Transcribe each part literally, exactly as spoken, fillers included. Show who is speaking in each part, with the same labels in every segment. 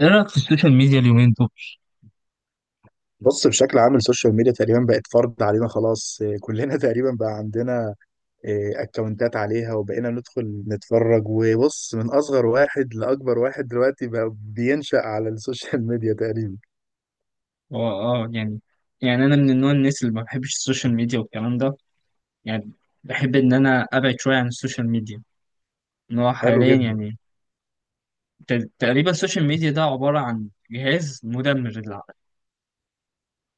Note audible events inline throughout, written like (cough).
Speaker 1: ايه رايك في السوشيال ميديا اليومين دول؟
Speaker 2: بص بشكل عام السوشيال ميديا تقريبا بقت فرض علينا خلاص. (laughs) إيه، كلنا تقريبا بقى عندنا إيه، اكونتات عليها وبقينا ندخل نتفرج. وبص، من اصغر واحد لاكبر واحد دلوقتي بقى بينشأ على السوشيال ميديا تقريبا.
Speaker 1: هو اه يعني يعني انا من النوع الناس اللي ما بحبش السوشيال ميديا والكلام ده. يعني بحب ان انا ابعد شويه عن السوشيال ميديا. ان هو
Speaker 2: حلو
Speaker 1: حاليا
Speaker 2: جدا.
Speaker 1: يعني. ت- تقريبا السوشيال ميديا ده عباره عن جهاز مدمر للعقل.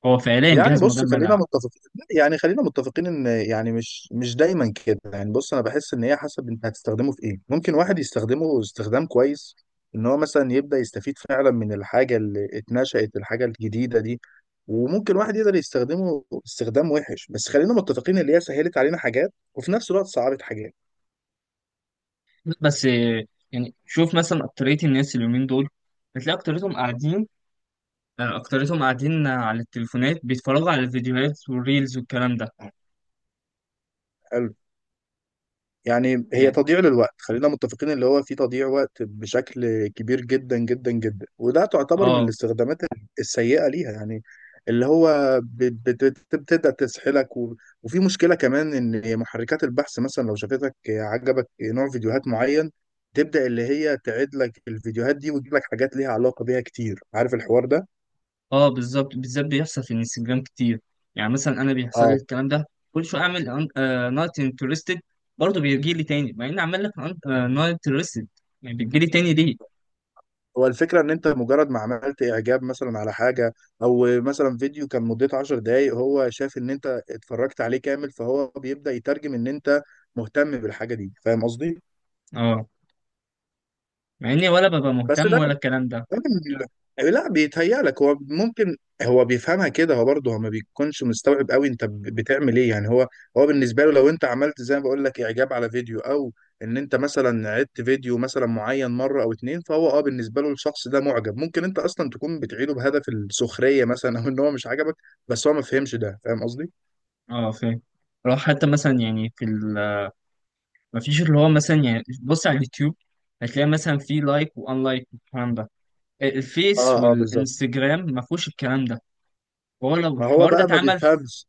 Speaker 1: هو فعليا
Speaker 2: يعني
Speaker 1: جهاز
Speaker 2: بص،
Speaker 1: مدمر
Speaker 2: خلينا
Speaker 1: للعقل.
Speaker 2: متفقين، يعني خلينا متفقين ان، يعني مش مش دايما كده. يعني بص، انا بحس ان هي حسب انت هتستخدمه في ايه. ممكن واحد يستخدمه استخدام كويس، ان هو مثلا يبدأ يستفيد فعلا من الحاجة اللي اتنشأت، الحاجة الجديدة دي. وممكن واحد يقدر يستخدمه استخدام وحش. بس خلينا متفقين ان هي سهلت علينا حاجات وفي نفس الوقت صعبت حاجات.
Speaker 1: بس آه، يعني شوف مثلا اكتريه الناس اليومين دول، بتلاقي اكتريتهم قاعدين. آه، اكتريتهم قاعدين على التليفونات بيتفرجوا على الفيديوهات والريلز والكلام ده.
Speaker 2: يعني هي
Speaker 1: يعني
Speaker 2: تضييع للوقت، خلينا متفقين، اللي هو في تضييع وقت بشكل كبير جدا جدا جدا، وده تعتبر من
Speaker 1: اه،
Speaker 2: الاستخدامات السيئة ليها يعني. اللي هو بت- بت- بت- بتبدأ تسحلك و... وفي مشكلة كمان، ان محركات البحث مثلا لو شافتك عجبك نوع فيديوهات معين، تبدأ اللي هي تعيد لك الفيديوهات دي وتجيب لك حاجات ليها علاقة بيها كتير. عارف الحوار ده؟
Speaker 1: اه، بالظبط، بالذات بيحصل في الانستجرام كتير. يعني مثلا انا بيحصل لي
Speaker 2: اه.
Speaker 1: الكلام ده. كل شويه اعمل نوت انترستد، برضه بيجي لي تاني مع اني عمال لك نوت انترستد. يعني بتجي لي تاني ليه؟
Speaker 2: هو الفكرة إن أنت مجرد ما عملت إعجاب مثلا على حاجة، أو مثلا فيديو كان مدته عشر دقايق هو شاف إن أنت اتفرجت عليه كامل، فهو بيبدأ يترجم إن أنت مهتم بالحاجة دي. فاهم قصدي؟
Speaker 1: اه، مع اني ولا ببقى
Speaker 2: بس
Speaker 1: مهتم
Speaker 2: ده
Speaker 1: ولا الكلام ده.
Speaker 2: ال- لا، بيتهيألك. هو ممكن هو بيفهمها كده. هو برضه هو ما بيكونش مستوعب قوي انت ب- بتعمل ايه يعني. هو، هو بالنسبه له لو انت عملت زي ما بقول لك اعجاب على فيديو، او ان انت مثلا عدت فيديو مثلا معين مره او اتنين، فهو اه بالنسبه له الشخص ده معجب. ممكن انت اصلا تكون بتعيده بهدف السخريه مثلا، او ان هو مش عجبك، بس هو ما فهمش ده. فاهم قصدي؟
Speaker 1: اه، فاهم. لو حتى مثلا يعني في ال مفيش اللي هو مثلا يعني بص على اليوتيوب هتلاقي مثلا في لايك وان لايك والكلام ده. الفيس
Speaker 2: اه اه بالظبط.
Speaker 1: والانستجرام ما فيهوش الكلام ده. هو لو
Speaker 2: ما هو
Speaker 1: الحوار ده
Speaker 2: بقى ما
Speaker 1: اتعمل في-.
Speaker 2: بيفهمش.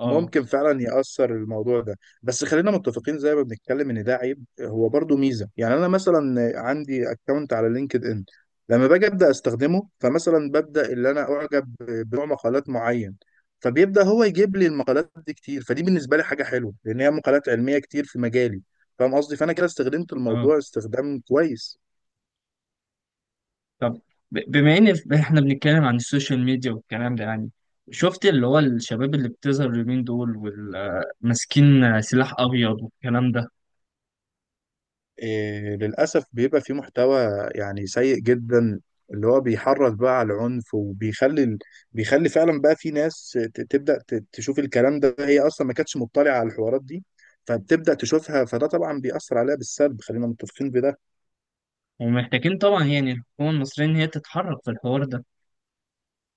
Speaker 1: اه.
Speaker 2: ممكن فعلا يأثر الموضوع ده. بس خلينا متفقين، زي ما بنتكلم ان ده عيب، هو برضو ميزة. يعني انا مثلا عندي اكونت على لينكد ان، لما باجي ابدا استخدمه فمثلا ببدا اللي انا اعجب بنوع مقالات معين، فبيبدا هو يجيب لي المقالات دي كتير، فدي بالنسبة لي حاجة حلوة لان هي مقالات علمية كتير في مجالي. فاهم قصدي؟ فانا كده استخدمت
Speaker 1: اه.
Speaker 2: الموضوع استخدام كويس.
Speaker 1: طب، ب- بما ان ف- احنا بنتكلم عن السوشيال ميديا والكلام ده يعني، شفت اللي هو الشباب اللي بتظهر اليومين دول وماسكين سلاح ابيض والكلام ده؟
Speaker 2: إيه للأسف بيبقى فيه محتوى يعني سيء جدا، اللي هو بيحرض بقى على العنف وبيخلي ال- بيخلي فعلا بقى في ناس ت- تبدأ ت- تشوف الكلام ده، هي أصلا ما كانتش مطلعة على الحوارات دي، فبتبدأ تشوفها، فده طبعا بيأثر عليها بالسلب، خلينا متفقين بده.
Speaker 1: ومحتاجين طبعا يعني الحكومه المصريه ان هي تتحرك في الحوار ده.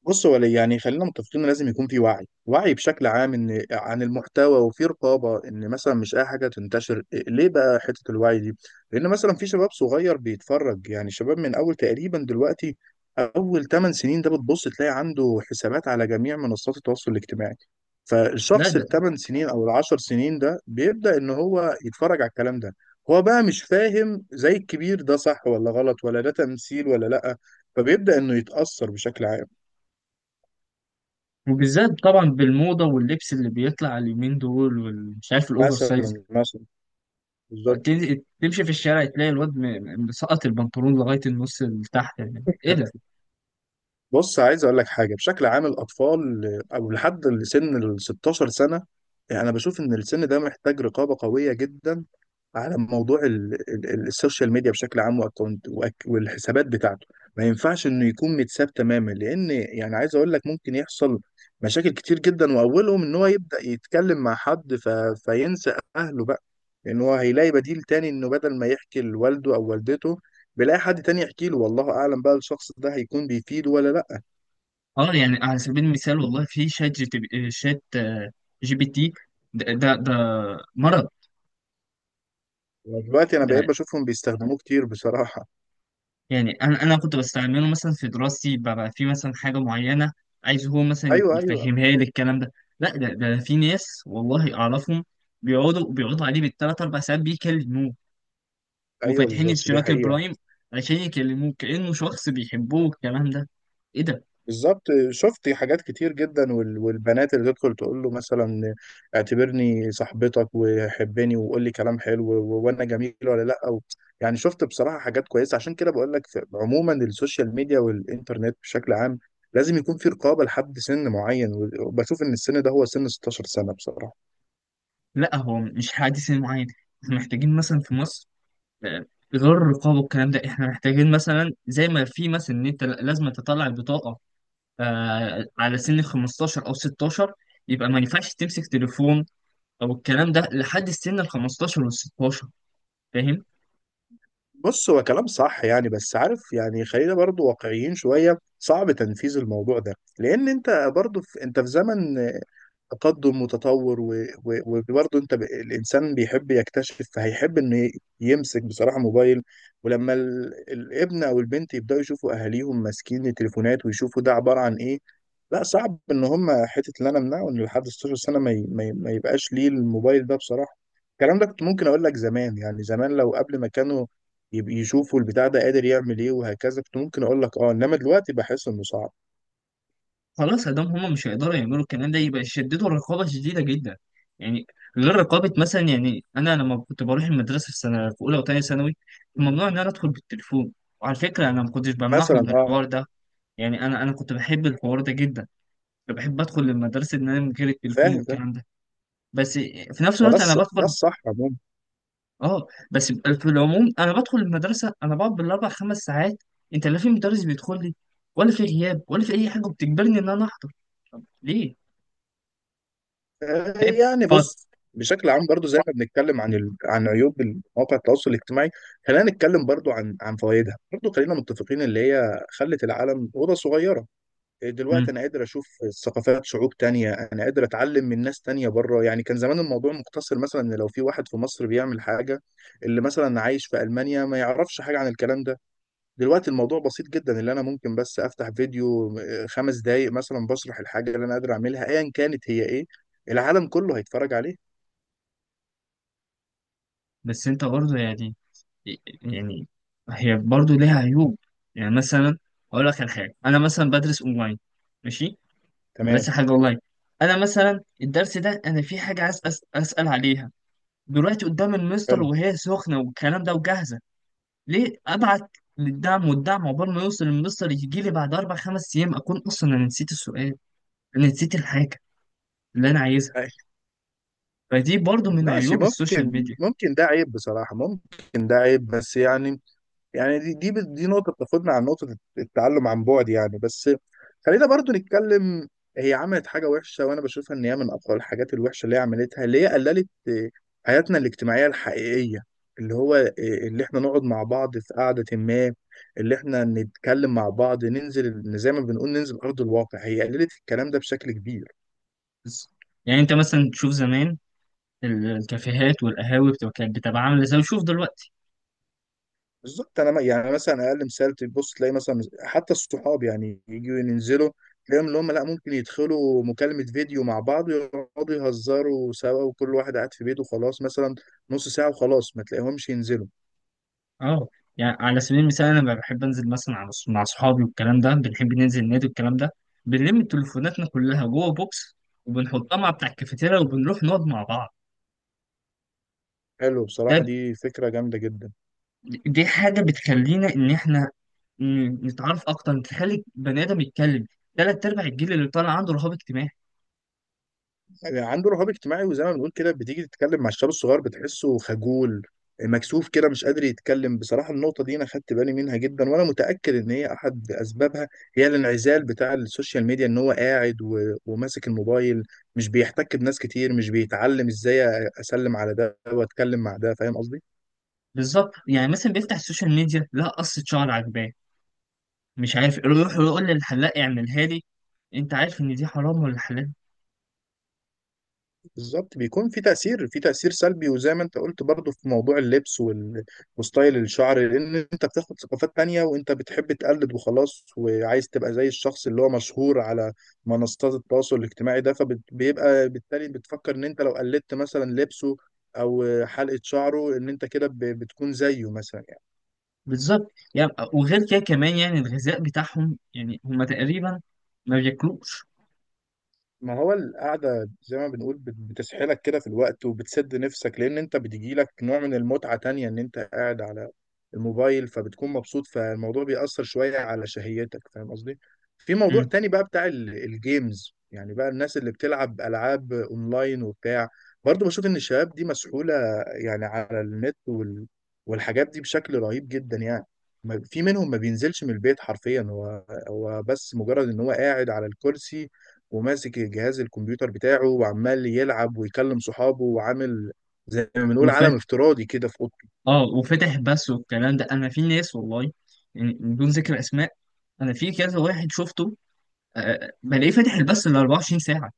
Speaker 2: بص، هو يعني خلينا متفقين إن لازم يكون في وعي، وعي بشكل عام ان عن المحتوى، وفي رقابه ان مثلا مش اي حاجه تنتشر. إيه، ليه بقى حته الوعي دي؟ لان مثلا في شباب صغير بيتفرج، يعني شباب من اول تقريبا دلوقتي اول تمن سنين ده بتبص تلاقي عنده حسابات على جميع منصات التواصل الاجتماعي.
Speaker 1: لا
Speaker 2: فالشخص
Speaker 1: ده.
Speaker 2: الثمان سنين او العشر سنين ده بيبدا ان هو يتفرج على الكلام ده. هو بقى مش فاهم زي الكبير ده صح ولا غلط، ولا ده تمثيل ولا لا، فبيبدا انه يتاثر بشكل عام.
Speaker 1: وبالذات طبعا بالموضه واللبس اللي بيطلع اليومين دول ومش عارف الاوفر سايز،
Speaker 2: مثلا مثلا. بالظبط.
Speaker 1: تن- تمشي في الشارع تلاقي الواد م- م- مسقط البنطلون لغايه النص اللي تحت. يعني ايه ده؟
Speaker 2: (laughs) بص، عايز اقول لك حاجه، بشكل عام الاطفال او لحد سن ال ستة عشر سنه، يعني انا بشوف ان السن ده محتاج رقابه قويه جدا على موضوع ال- ال- ال- السوشيال ميديا بشكل عام، واكونت وأك- والحسابات بتاعته. ما ينفعش انه يكون متساب تماما، لان يعني عايز اقول لك ممكن يحصل مشاكل كتير جدا، واولهم ان هو يبدا يتكلم مع حد ف... فينسى اهله بقى، لان هو هيلاقي بديل تاني، انه بدل ما يحكي لوالده او والدته بيلاقي حد تاني يحكي له، والله اعلم بقى الشخص ده هيكون بيفيده ولا لا.
Speaker 1: اه، يعني على سبيل المثال والله في شات جي تي بي- آه، شات آه، جي بي تي. ده ده, ده مرض.
Speaker 2: دلوقتي انا
Speaker 1: ده،
Speaker 2: بقيت بشوفهم بيستخدموه كتير بصراحة.
Speaker 1: يعني انا انا كنت بستعمله مثلا في دراستي، ببقى في مثلا حاجه معينه عايز هو مثلا
Speaker 2: ايوه ايوه.
Speaker 1: يفهمها لي الكلام ده. لا ده, ده في ناس والله اعرفهم، بيقعدوا بيقعدوا عليه بالثلاث اربع ساعات بيكلموه
Speaker 2: ايوه
Speaker 1: وفاتحين
Speaker 2: بالظبط، دي
Speaker 1: اشتراك
Speaker 2: حقيقة.
Speaker 1: البرايم عشان يكلموه كانه شخص بيحبوه الكلام ده. ايه ده؟
Speaker 2: بالظبط، شفت حاجات كتير جدا. وال- والبنات اللي تدخل تقول له مثلا اعتبرني صاحبتك وحبني وقول لي كلام حلو، و- وانا جميل ولا لا، أو يعني شفت بصراحة. حاجات كويسة عشان كده بقول لك في- عموما السوشيال ميديا والانترنت بشكل عام لازم يكون في رقابة لحد سن معين. وبشوف ان السن ده هو سن ستاشر سنة بصراحة.
Speaker 1: لا هو مش حادث معين. احنا محتاجين مثلا في مصر، غير الرقابة والكلام ده، احنا محتاجين مثلا زي ما في مثلا ان انت لازم تطلع البطاقة، آه على سن خمسة عشر او ستة عشر يبقى ما ينفعش تمسك تليفون او الكلام ده لحد السن ال خمستاشر وال ستاشر. فاهم؟
Speaker 2: بص، هو كلام صح يعني، بس عارف يعني خلينا برضو واقعيين شوية، صعب تنفيذ الموضوع ده. لان انت برضو في، انت في زمن تقدم وتطور و- و- وبرضه انت ب... الانسان بيحب يكتشف، فهيحب انه ي- يمسك بصراحه موبايل. ولما ال... الابن او البنت يبداوا يشوفوا اهاليهم ماسكين التليفونات ويشوفوا ده عباره عن ايه، لا صعب ان هم حته اللي انا امنعه ان لحد ستاشر سنه ما, ي... ما, ي... ما يبقاش ليه الموبايل ده بصراحه. الكلام ده كنت ممكن اقول لك زمان، يعني زمان لو قبل ما كانوا يب- يشوفوا البتاع ده قادر يعمل ايه وهكذا، كنت ممكن اقول لك اه. انما دلوقتي بحس انه صعب.
Speaker 1: خلاص ادام هما مش هيقدروا يعملوا الكلام ده يبقى يشددوا الرقابة شديدة جدا. يعني غير رقابة، مثلا، يعني انا لما كنت بروح المدرسة في سنة في اولى وثانية ثانوي كان ممنوع ان انا ادخل بالتليفون. وعلى فكرة انا ما كنتش بمنعهم
Speaker 2: مثلا.
Speaker 1: من
Speaker 2: اه.
Speaker 1: الحوار ده. يعني انا انا كنت بحب الحوار ده جدا. أنا بحب ادخل المدرسه ان انا من غير التليفون
Speaker 2: فاهم فاهم.
Speaker 1: والكلام ده. بس في نفس
Speaker 2: وده
Speaker 1: الوقت انا
Speaker 2: الص- ده
Speaker 1: بدخل.
Speaker 2: الصح عموما.
Speaker 1: اه، بس في العموم انا بدخل المدرسه انا بقعد بالاربع خمس ساعات، انت لا في مدرس بيدخل لي ولا في غياب ولا في اي حاجه بتجبرني ان انا احضر. طب ليه؟
Speaker 2: آه،
Speaker 1: فاهم.
Speaker 2: يعني
Speaker 1: فط
Speaker 2: بص، بشكل عام برضو زي ما بنتكلم عن ال... عن عيوب مواقع التواصل الاجتماعي، خلينا نتكلم برضو عن عن فوائدها برضو. خلينا متفقين اللي هي خلت العالم أوضة صغيرة. إيه، دلوقتي
Speaker 1: مم.
Speaker 2: أنا قادر أشوف ثقافات شعوب تانية، أنا قادر أتعلم من ناس تانية بره. يعني كان زمان الموضوع مقتصر، مثلا إن لو في واحد في مصر بيعمل حاجة، اللي مثلا عايش في ألمانيا ما يعرفش حاجة عن الكلام ده. دلوقتي الموضوع بسيط جدا، اللي انا ممكن بس افتح فيديو آه، خمس دقايق مثلا بشرح الحاجه اللي انا قادر اعملها ايا كانت هي ايه، العالم كله هيتفرج عليه.
Speaker 1: بس انت برضه يعني، يعني هي برضه ليها عيوب. يعني مثلا اقول لك على حاجه، انا مثلا بدرس اونلاين، ماشي،
Speaker 2: تمام.
Speaker 1: بدرس حاجه اونلاين. انا مثلا الدرس ده انا في حاجه عايز أس- اسال عليها دلوقتي قدام المستر،
Speaker 2: حلو.
Speaker 1: وهي سخنة والكلام ده وجاهزة. ليه أبعت للدعم، والدعم عقبال ما يوصل المستر يجي لي بعد أربع خمس أيام أكون أصلا أنا نسيت السؤال، أنا نسيت الحاجة اللي أنا عايزها.
Speaker 2: (laughs)
Speaker 1: فدي برضو من
Speaker 2: ماشي،
Speaker 1: عيوب السوشيال
Speaker 2: ممكن
Speaker 1: ميديا.
Speaker 2: ممكن ده عيب بصراحه، ممكن ده عيب، بس يعني، يعني دي دي دي نقطة بتاخدنا عن نقطة التعلم عن بعد يعني، بس خلينا برضو نتكلم. هي عملت حاجة وحشة، وأنا بشوفها إن هي من أقوى الحاجات الوحشة اللي هي عملتها، اللي هي قللت آه، حياتنا الاجتماعية الحقيقية، اللي هو آه، اللي إحنا نقعد مع بعض في قعدة ما، اللي إحنا نتكلم مع بعض، ننزل زي ما بنقول ننزل أرض الواقع، هي قللت الكلام ده بشكل كبير.
Speaker 1: بس يعني، أنت مثلا تشوف زمان ال- الكافيهات والقهاوي بتبقى كانت بتبقى عاملة زي شوف دلوقتي.
Speaker 2: بالظبط انا ما- يعني مثلا اقل مثال، تبص تلاقي مثلا حتى الصحاب يعني يجوا ينزلوا، تلاقيهم اللي هم لا ممكن يدخلوا مكالمة فيديو مع بعض ويقعدوا يهزروا سوا وكل واحد قاعد في بيته، خلاص مثلا نص ساعة وخلاص ما تلاقيهمش ينزلوا.
Speaker 1: أه، يعني على سبيل المثال أنا بحب أنزل مثلا على- مع أصحابي والكلام ده، بنحب ننزل النادي والكلام ده، بنلم تليفوناتنا كلها جوه بوكس وبنحطها مع بتاع الكافيتيريا وبنروح نقعد مع بعض.
Speaker 2: حلو بصراحة،
Speaker 1: ده،
Speaker 2: دي فكرة جامدة جدا.
Speaker 1: دي حاجة بتخلينا إن إحنا ن- نتعرف أكتر، تخلي بني آدم يتكلم. تلات أرباع الجيل اللي طالع عنده رهاب اجتماعي.
Speaker 2: يعني عنده رهاب اجتماعي، وزي ما بنقول كده بتيجي تتكلم مع الشباب الصغير بتحسه خجول، مكسوف كده، مش قادر يتكلم بصراحة. النقطة دي أنا خدت بالي منها جدا، وأنا متأكد إن هي أحد أسبابها هي الانعزال بتاع السوشيال ميديا، إن هو قاعد و... وماسك الموبايل، مش بيحتك بناس كتير، مش بيتعلم إزاي أسلم على ده وأتكلم مع ده. فاهم قصدي؟
Speaker 1: بالظبط، يعني مثلا بيفتح السوشيال ميديا لا قصة شعر عجباه مش عارف إيه، يروح يقول للحلاق اعملها لي. أنت عارف إن دي حرام ولا حلال؟
Speaker 2: بالظبط، بيكون في تأثير، في تأثير سلبي. وزي ما انت قلت برضو في موضوع اللبس وال- وستايل الشعر، لأن انت بتاخد ثقافات تانية وانت بتحب تقلد وخلاص، وعايز تبقى زي الشخص اللي هو مشهور على منصات التواصل الاجتماعي ده. فبيبقى بالتالي بتفكر ان انت لو قلدت مثلا لبسه او حلقة شعره ان انت كده ب- بتكون زيه مثلا.
Speaker 1: بالظبط يعني. وغير كده كمان يعني الغذاء بتاعهم يعني هما تقريبا ما بياكلوش.
Speaker 2: ما هو القعدة زي ما بنقول بت- بتسحلك كده في الوقت، وبتسد نفسك، لأن أنت بتجيلك نوع من المتعة تانية إن أنت قاعد على الموبايل فبتكون مبسوط، فالموضوع بيأثر شوية على شهيتك. فاهم قصدي؟ في موضوع
Speaker 1: مم.
Speaker 2: تاني بقى بتاع ال- الجيمز، يعني بقى الناس اللي بتلعب ألعاب أونلاين وبتاع. برضه بشوف إن الشباب دي مسحولة يعني على النت وال... والحاجات دي بشكل رهيب جدا يعني. ما- في منهم ما بينزلش من البيت حرفيا، هو هو بس مجرد إن هو قاعد على الكرسي وماسك الجهاز الكمبيوتر بتاعه وعمال يلعب ويكلم صحابه، وعامل زي ما بنقول
Speaker 1: وفات.
Speaker 2: عالم افتراضي كده في اوضته.
Speaker 1: اه وفتح بس والكلام ده، أنا في ناس، والله، يعني بدون ذكر أسماء، أنا في كذا واحد شفته آه، بلاقيه فاتح البث ال اربعة وعشرين ساعة.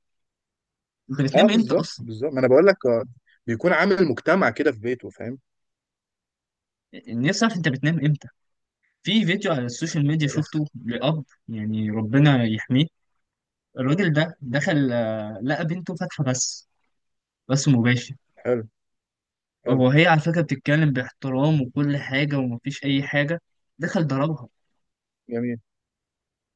Speaker 1: انت
Speaker 2: اه
Speaker 1: بتنام امتى
Speaker 2: بالظبط
Speaker 1: اصلا؟
Speaker 2: بالظبط، ما انا بقول لك. آه، بيكون عامل مجتمع كده في بيته. فاهم؟
Speaker 1: نفسي اعرف انت بتنام امتى. في فيديو على السوشيال ميديا شفته
Speaker 2: (laughs)
Speaker 1: لأب، يعني ربنا يحميه، الراجل ده دخل آه، لقى بنته فاتحة بث، بث مباشر.
Speaker 2: حلو. حلو.
Speaker 1: وهي على فكرة بتتكلم باحترام وكل حاجة ومفيش أي حاجة، دخل ضربها.
Speaker 2: جميل.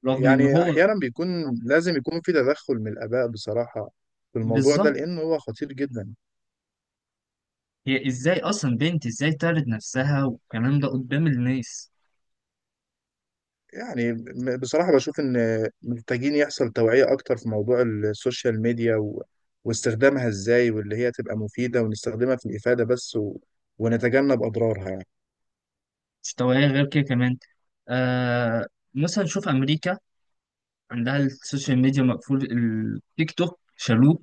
Speaker 1: رغم إن
Speaker 2: يعني
Speaker 1: هو.
Speaker 2: احيانا بيكون لازم يكون في تدخل من الاباء بصراحه في الموضوع ده،
Speaker 1: بالظبط.
Speaker 2: لانه هو خطير جدا.
Speaker 1: هي إزاي أصلا بنت إزاي تعرض نفسها والكلام ده قدام الناس؟
Speaker 2: يعني م- بصراحة بشوف إن محتاجين يحصل توعية أكتر في موضوع السوشيال ميديا و... واستخدامها إزاي، واللي هي تبقى مفيدة، ونستخدمها في الإفادة بس، و... ونتجنب أضرارها يعني.
Speaker 1: مستواها غير كده كمان. آه مثلا شوف أمريكا عندها السوشيال ميديا مقفول، التيك توك شالوه،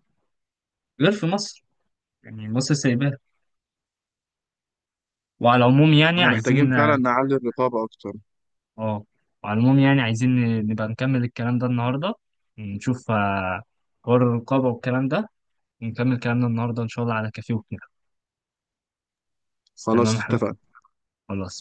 Speaker 1: غير في مصر يعني مصر سايباه. وعلى العموم يعني
Speaker 2: احنا محتاجين
Speaker 1: عايزين
Speaker 2: فعلا
Speaker 1: اه
Speaker 2: نعلي الرقابة أكتر.
Speaker 1: آه، وعلى العموم يعني عايزين نبقى نكمل الكلام ده النهارده، نشوف آه، حوار الرقابة والكلام ده، نكمل كلامنا النهارده إن شاء الله على كافيه وكده.
Speaker 2: خلاص
Speaker 1: تمام يا حبيبي.
Speaker 2: اتفقنا.
Speaker 1: خلاص.